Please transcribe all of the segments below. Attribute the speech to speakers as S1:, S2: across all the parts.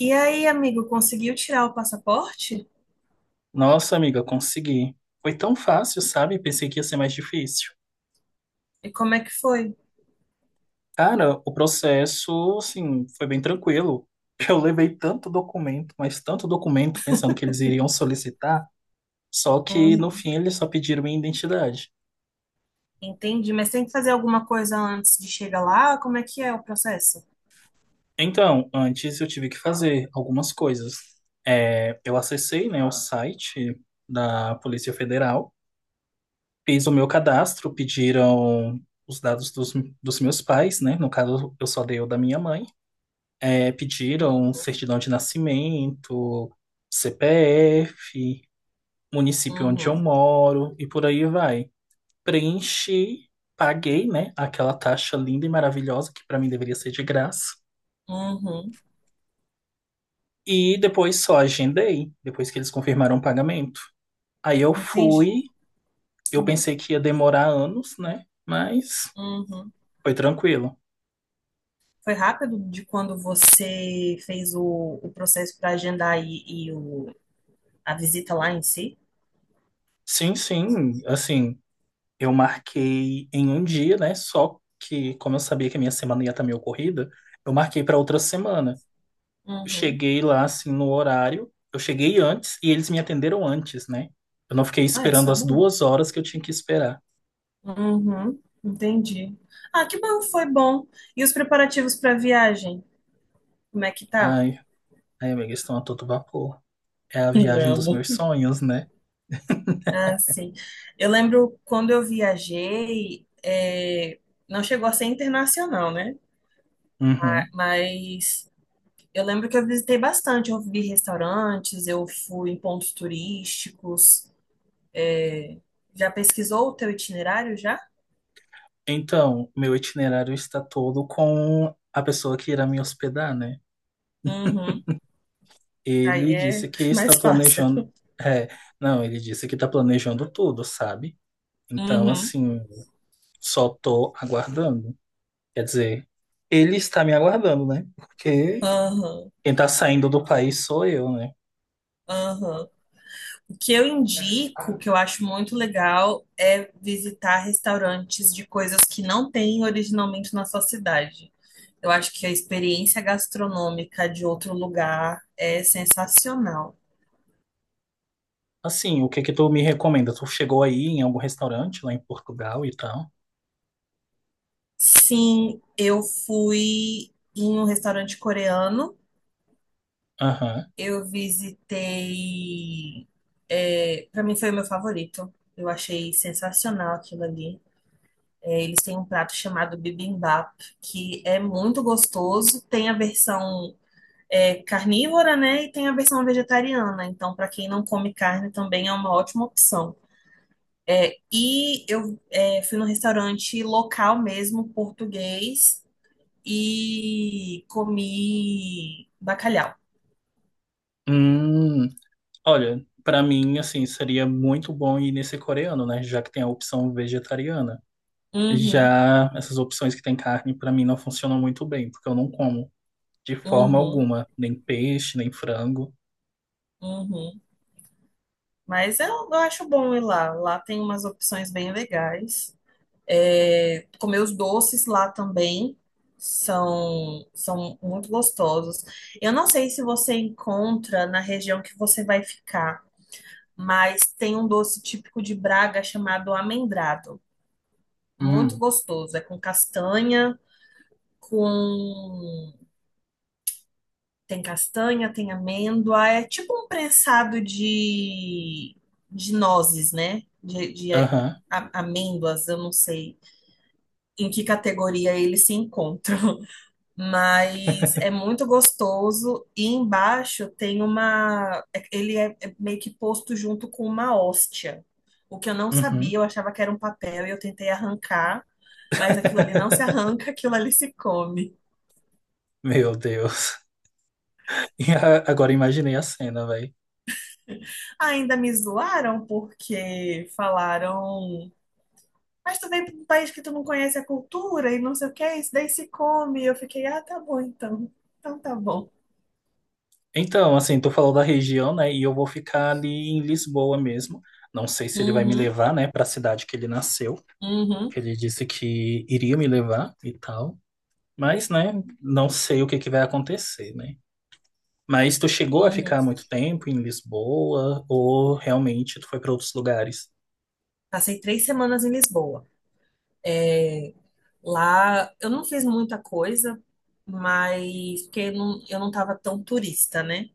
S1: E aí, amigo, conseguiu tirar o passaporte?
S2: Nossa, amiga, consegui. Foi tão fácil, sabe? Pensei que ia ser mais difícil.
S1: E como é que foi?
S2: Cara, o processo, assim, foi bem tranquilo. Eu levei tanto documento, mas tanto documento, pensando que eles iriam solicitar, só que no
S1: Uhum.
S2: fim eles só pediram minha identidade.
S1: Entendi, mas tem que fazer alguma coisa antes de chegar lá? Como é que é o processo?
S2: Então, antes eu tive que fazer algumas coisas. É, eu acessei, né, o site da Polícia Federal, fiz o meu cadastro, pediram os dados dos, dos meus pais, né? No caso, eu só dei o da minha mãe. É, pediram
S1: Uhum,
S2: certidão de nascimento, CPF, município onde eu
S1: uhum,
S2: moro e por aí vai. Preenchi, paguei, né, aquela taxa linda e maravilhosa que para mim deveria ser de graça.
S1: uhum.
S2: E depois só agendei, depois que eles confirmaram o pagamento. Aí eu
S1: Entendi.
S2: fui, eu
S1: Uhum,
S2: pensei que ia demorar anos, né? Mas
S1: uhum.
S2: foi tranquilo.
S1: Foi rápido de quando você fez o processo para agendar e o, a visita lá em si?
S2: Sim, sim, assim, eu marquei em um dia, né? Só que, como eu sabia que a minha semana ia estar meio corrida, eu marquei para outra semana. Eu
S1: Uhum.
S2: cheguei lá, assim, no horário. Eu cheguei antes e eles me atenderam antes, né? Eu não fiquei
S1: Ah, isso
S2: esperando
S1: é
S2: as
S1: bom.
S2: duas horas que eu tinha que esperar.
S1: Uhum, entendi. Ah, que bom, foi bom. E os preparativos para a viagem? Como é que tá?
S2: Ai, ai, amiga, estão a todo vapor. É a viagem dos
S1: Amo.
S2: meus sonhos, né?
S1: Ah, sim. Eu lembro quando eu viajei, não chegou a ser internacional, né?
S2: Uhum.
S1: Mas eu lembro que eu visitei bastante. Eu vi restaurantes, eu fui em pontos turísticos. Já pesquisou o teu itinerário já?
S2: Então, meu itinerário está todo com a pessoa que irá me hospedar, né?
S1: Uhum. Aí
S2: Ele
S1: é
S2: disse que
S1: mais
S2: está planejando.
S1: fácil.
S2: É, não, ele disse que está planejando tudo, sabe? Então,
S1: Uhum.
S2: assim, só tô aguardando. Quer dizer, ele está me aguardando, né? Porque
S1: Aham.
S2: quem tá saindo do país sou eu, né?
S1: Aham. O que eu indico, que eu acho muito legal, é visitar restaurantes de coisas que não tem originalmente na sua cidade. Eu acho que a experiência gastronômica de outro lugar é sensacional.
S2: Assim, o que que tu me recomenda? Tu chegou aí em algum restaurante lá em Portugal e tal?
S1: Sim, eu fui em um restaurante coreano.
S2: Aham.
S1: Eu visitei. É, para mim foi o meu favorito. Eu achei sensacional aquilo ali. Eles têm um prato chamado bibimbap, que é muito gostoso. Tem a versão carnívora, né? E tem a versão vegetariana. Então, para quem não come carne, também é uma ótima opção. E eu fui num restaurante local mesmo, português, e comi bacalhau.
S2: Hum, olha, pra mim, assim, seria muito bom ir nesse coreano, né? Já que tem a opção vegetariana.
S1: Uhum,
S2: Já essas opções que tem carne, pra mim, não funcionam muito bem, porque eu não como de forma
S1: uhum,
S2: alguma, nem peixe, nem frango.
S1: uhum. Mas eu acho bom ir lá. Lá tem umas opções bem legais. É, comer os doces lá também são muito gostosos. Eu não sei se você encontra na região que você vai ficar, mas tem um doce típico de Braga chamado amendrado. Muito
S2: Hum,
S1: gostoso. É com castanha, com. Tem castanha, tem amêndoa. É tipo um prensado de nozes, né? De
S2: aham.
S1: amêndoas, eu não sei em que categoria eles se encontram. Mas é muito gostoso. E embaixo tem uma. Ele é meio que posto junto com uma hóstia. O que eu não sabia,
S2: Uhum.
S1: eu achava que era um papel e eu tentei arrancar. Mas aquilo ali não se arranca, aquilo ali se come.
S2: Meu Deus. E agora imaginei a cena, velho.
S1: Ainda me zoaram porque falaram, mas tu veio para um país que tu não conhece a cultura e não sei o que, isso daí se come. Eu fiquei, ah, tá bom então. Então tá bom.
S2: Então, assim, tu falou da região, né? E eu vou ficar ali em Lisboa mesmo. Não sei se ele vai me
S1: Uhum,
S2: levar, né, para a cidade que ele nasceu,
S1: uhum,
S2: que ele disse que iria me levar e tal. Mas, né, não sei o que que vai acontecer, né? Mas tu chegou a
S1: uhum.
S2: ficar muito tempo em Lisboa ou realmente tu foi para outros lugares?
S1: Passei 3 semanas em Lisboa. É, Lá eu não fiz muita coisa, mas porque eu não tava tão turista, né?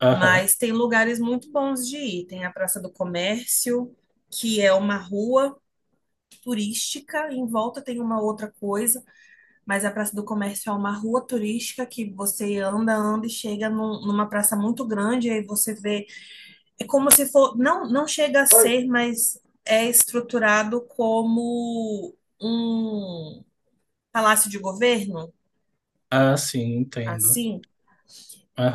S2: Aham.
S1: Mas tem lugares muito bons de ir. Tem a Praça do Comércio, que é uma rua turística, em volta tem uma outra coisa. Mas a Praça do Comércio é uma rua turística que você anda, anda e chega numa praça muito grande, aí você vê. É como se for. Não, não chega a
S2: Oi.
S1: ser, mas é estruturado como um palácio de governo,
S2: Ah, sim, entendo.
S1: assim.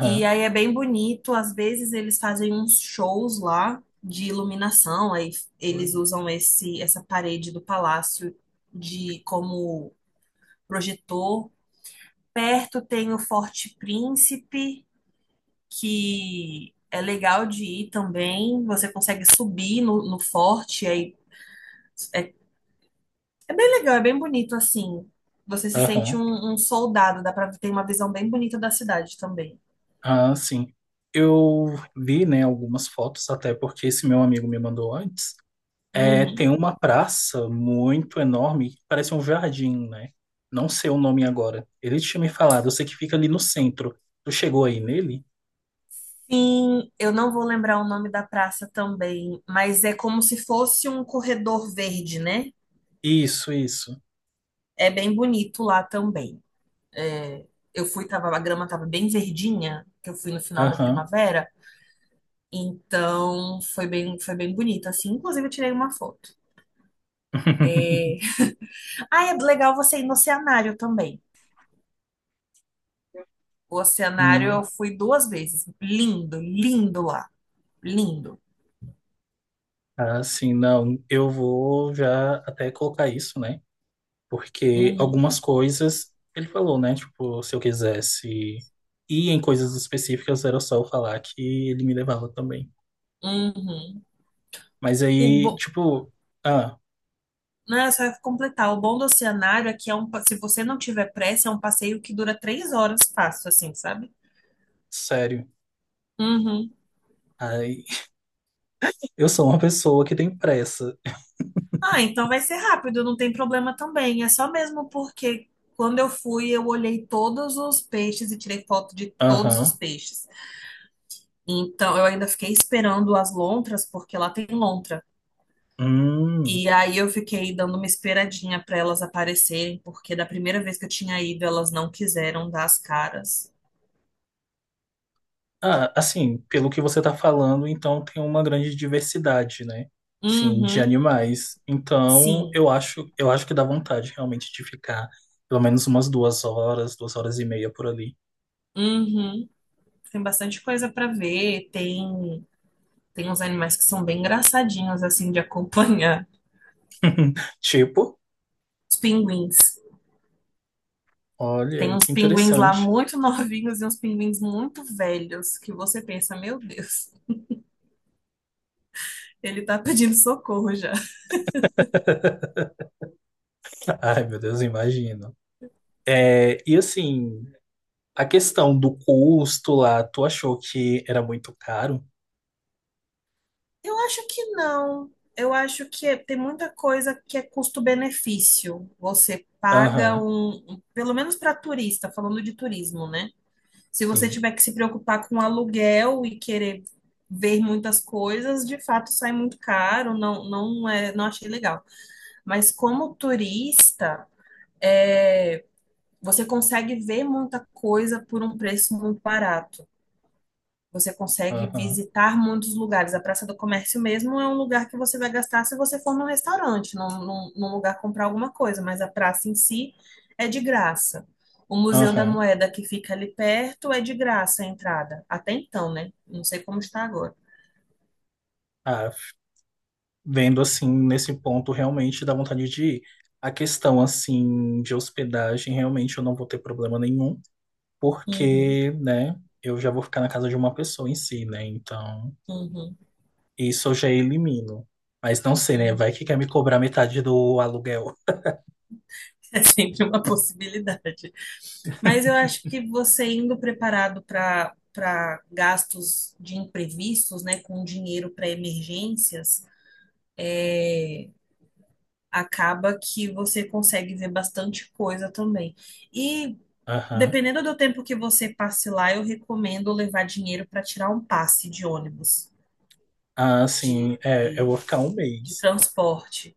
S1: E aí é bem bonito. Às vezes eles fazem uns shows lá de iluminação, aí
S2: Oi.
S1: eles usam essa parede do palácio de como projetor. Perto tem o Forte Príncipe que é legal de ir também. Você consegue subir no forte, aí é, é bem legal, é bem bonito assim. Você se sente
S2: Aham.
S1: um soldado, dá pra ter uma visão bem bonita da cidade também.
S2: Ah, sim. Eu vi, né, algumas fotos, até porque esse meu amigo me mandou antes. É,
S1: Uhum.
S2: tem uma praça muito enorme, que parece um jardim, né? Não sei o nome agora. Ele tinha me falado, eu sei que fica ali no centro. Tu chegou aí nele?
S1: Sim, eu não vou lembrar o nome da praça também, mas é como se fosse um corredor verde, né?
S2: Isso, isso.
S1: É bem bonito lá também. É, eu fui, tava, a grama tava bem verdinha, que eu fui no final da
S2: Aham.
S1: primavera. Então, foi bem bonito, assim. Inclusive, eu tirei uma foto. Ah, é legal você ir no oceanário também. O oceanário
S2: Hum.
S1: eu fui duas vezes. Lindo, lindo lá. Lindo.
S2: Ah, sim, não. Eu vou já até colocar isso, né? Porque
S1: Uhum,
S2: algumas coisas, ele falou, né? Tipo, se eu quisesse ir em coisas específicas, era só eu falar que ele me levava também.
S1: uhum.
S2: Mas
S1: O
S2: aí,
S1: bom,
S2: tipo, ah,
S1: né, só ia completar. O bom do oceanário é que é se você não tiver pressa, é um passeio que dura 3 horas fácil, assim, sabe?
S2: sério.
S1: Uhum.
S2: Aí, eu sou uma pessoa que tem pressa.
S1: Ah, então vai ser rápido, não tem problema também. É só mesmo porque quando eu fui, eu olhei todos os peixes e tirei foto de todos os
S2: Aham.
S1: peixes. Então, eu ainda fiquei esperando as lontras, porque lá tem lontra.
S2: Hum.
S1: E aí eu fiquei dando uma esperadinha para elas aparecerem, porque da primeira vez que eu tinha ido, elas não quiseram dar as caras.
S2: Ah, assim, pelo que você tá falando, então tem uma grande diversidade, né? Sim, de
S1: Uhum,
S2: animais. Então,
S1: sim.
S2: eu acho que dá vontade realmente de ficar pelo menos umas duas horas e meia por ali.
S1: Uhum. Tem bastante coisa para ver. Tem uns animais que são bem engraçadinhos, assim, de acompanhar.
S2: Tipo,
S1: Os pinguins. Tem
S2: olha,
S1: uns
S2: que
S1: pinguins lá
S2: interessante.
S1: muito novinhos e uns pinguins muito velhos, que você pensa, meu Deus, ele tá pedindo socorro já.
S2: Ai, meu Deus, imagino. É, e assim, a questão do custo lá, tu achou que era muito caro?
S1: Eu acho que não. Eu acho que tem muita coisa que é custo-benefício. Você paga
S2: Aham,
S1: pelo menos para turista, falando de turismo, né? Se você
S2: sim,
S1: tiver que se preocupar com aluguel e querer ver muitas coisas, de fato sai muito caro, não é, não achei legal. Mas como turista, é, você consegue ver muita coisa por um preço muito barato. Você consegue
S2: aham,
S1: visitar muitos lugares. A Praça do Comércio mesmo é um lugar que você vai gastar se você for num restaurante, num lugar comprar alguma coisa, mas a praça em si é de graça. O Museu da
S2: aham.
S1: Moeda que fica ali perto é de graça a entrada. Até então, né? Não sei como está agora.
S2: Ah, vendo assim, nesse ponto, realmente dá vontade de ir. A questão, assim, de hospedagem, realmente eu não vou ter problema nenhum,
S1: Uhum,
S2: porque, né, eu já vou ficar na casa de uma pessoa em si, né, então...
S1: uhum,
S2: Isso eu já elimino. Mas não sei, né?
S1: uhum.
S2: Vai que quer me cobrar metade do aluguel.
S1: É sempre uma possibilidade. Mas eu acho que você indo preparado para gastos de imprevistos, né, com dinheiro para emergências, acaba que você consegue ver bastante coisa também. E
S2: Aham.
S1: dependendo do tempo que você passe lá, eu recomendo levar dinheiro para tirar um passe de ônibus,
S2: Ah,
S1: de,
S2: sim. É, eu vou
S1: de,
S2: ficar um
S1: de
S2: mês.
S1: transporte.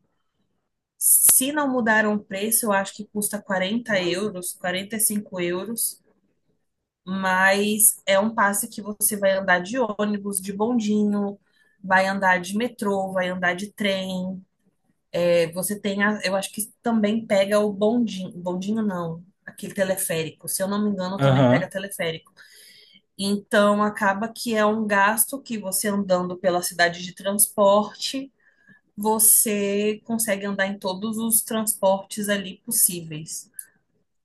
S1: Se não mudaram o preço, eu acho que custa 40 euros, 45 euros, mas é um passe que você vai andar de ônibus, de bondinho, vai andar de metrô, vai andar de trem, Você tem a, eu acho que também pega o bondinho, bondinho não, aquele teleférico. Se eu não me engano, também
S2: Aham.
S1: pega teleférico. Então acaba que é um gasto que você andando pela cidade de transporte, você consegue andar em todos os transportes ali possíveis.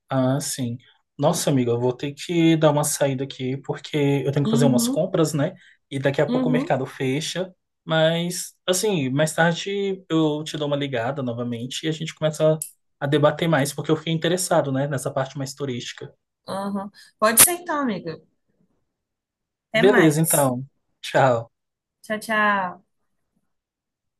S2: Ah, sim. Nossa, amiga, eu vou ter que dar uma saída aqui porque eu tenho que fazer umas
S1: Uhum,
S2: compras, né? E daqui a pouco o
S1: uhum,
S2: mercado fecha. Mas, assim, mais tarde eu te dou uma ligada novamente e a gente começa a debater mais, porque eu fiquei interessado, né, nessa parte mais turística.
S1: uhum. Pode ser então, amiga. Até
S2: Beleza,
S1: mais.
S2: então. Tchau.
S1: Tchau, tchau.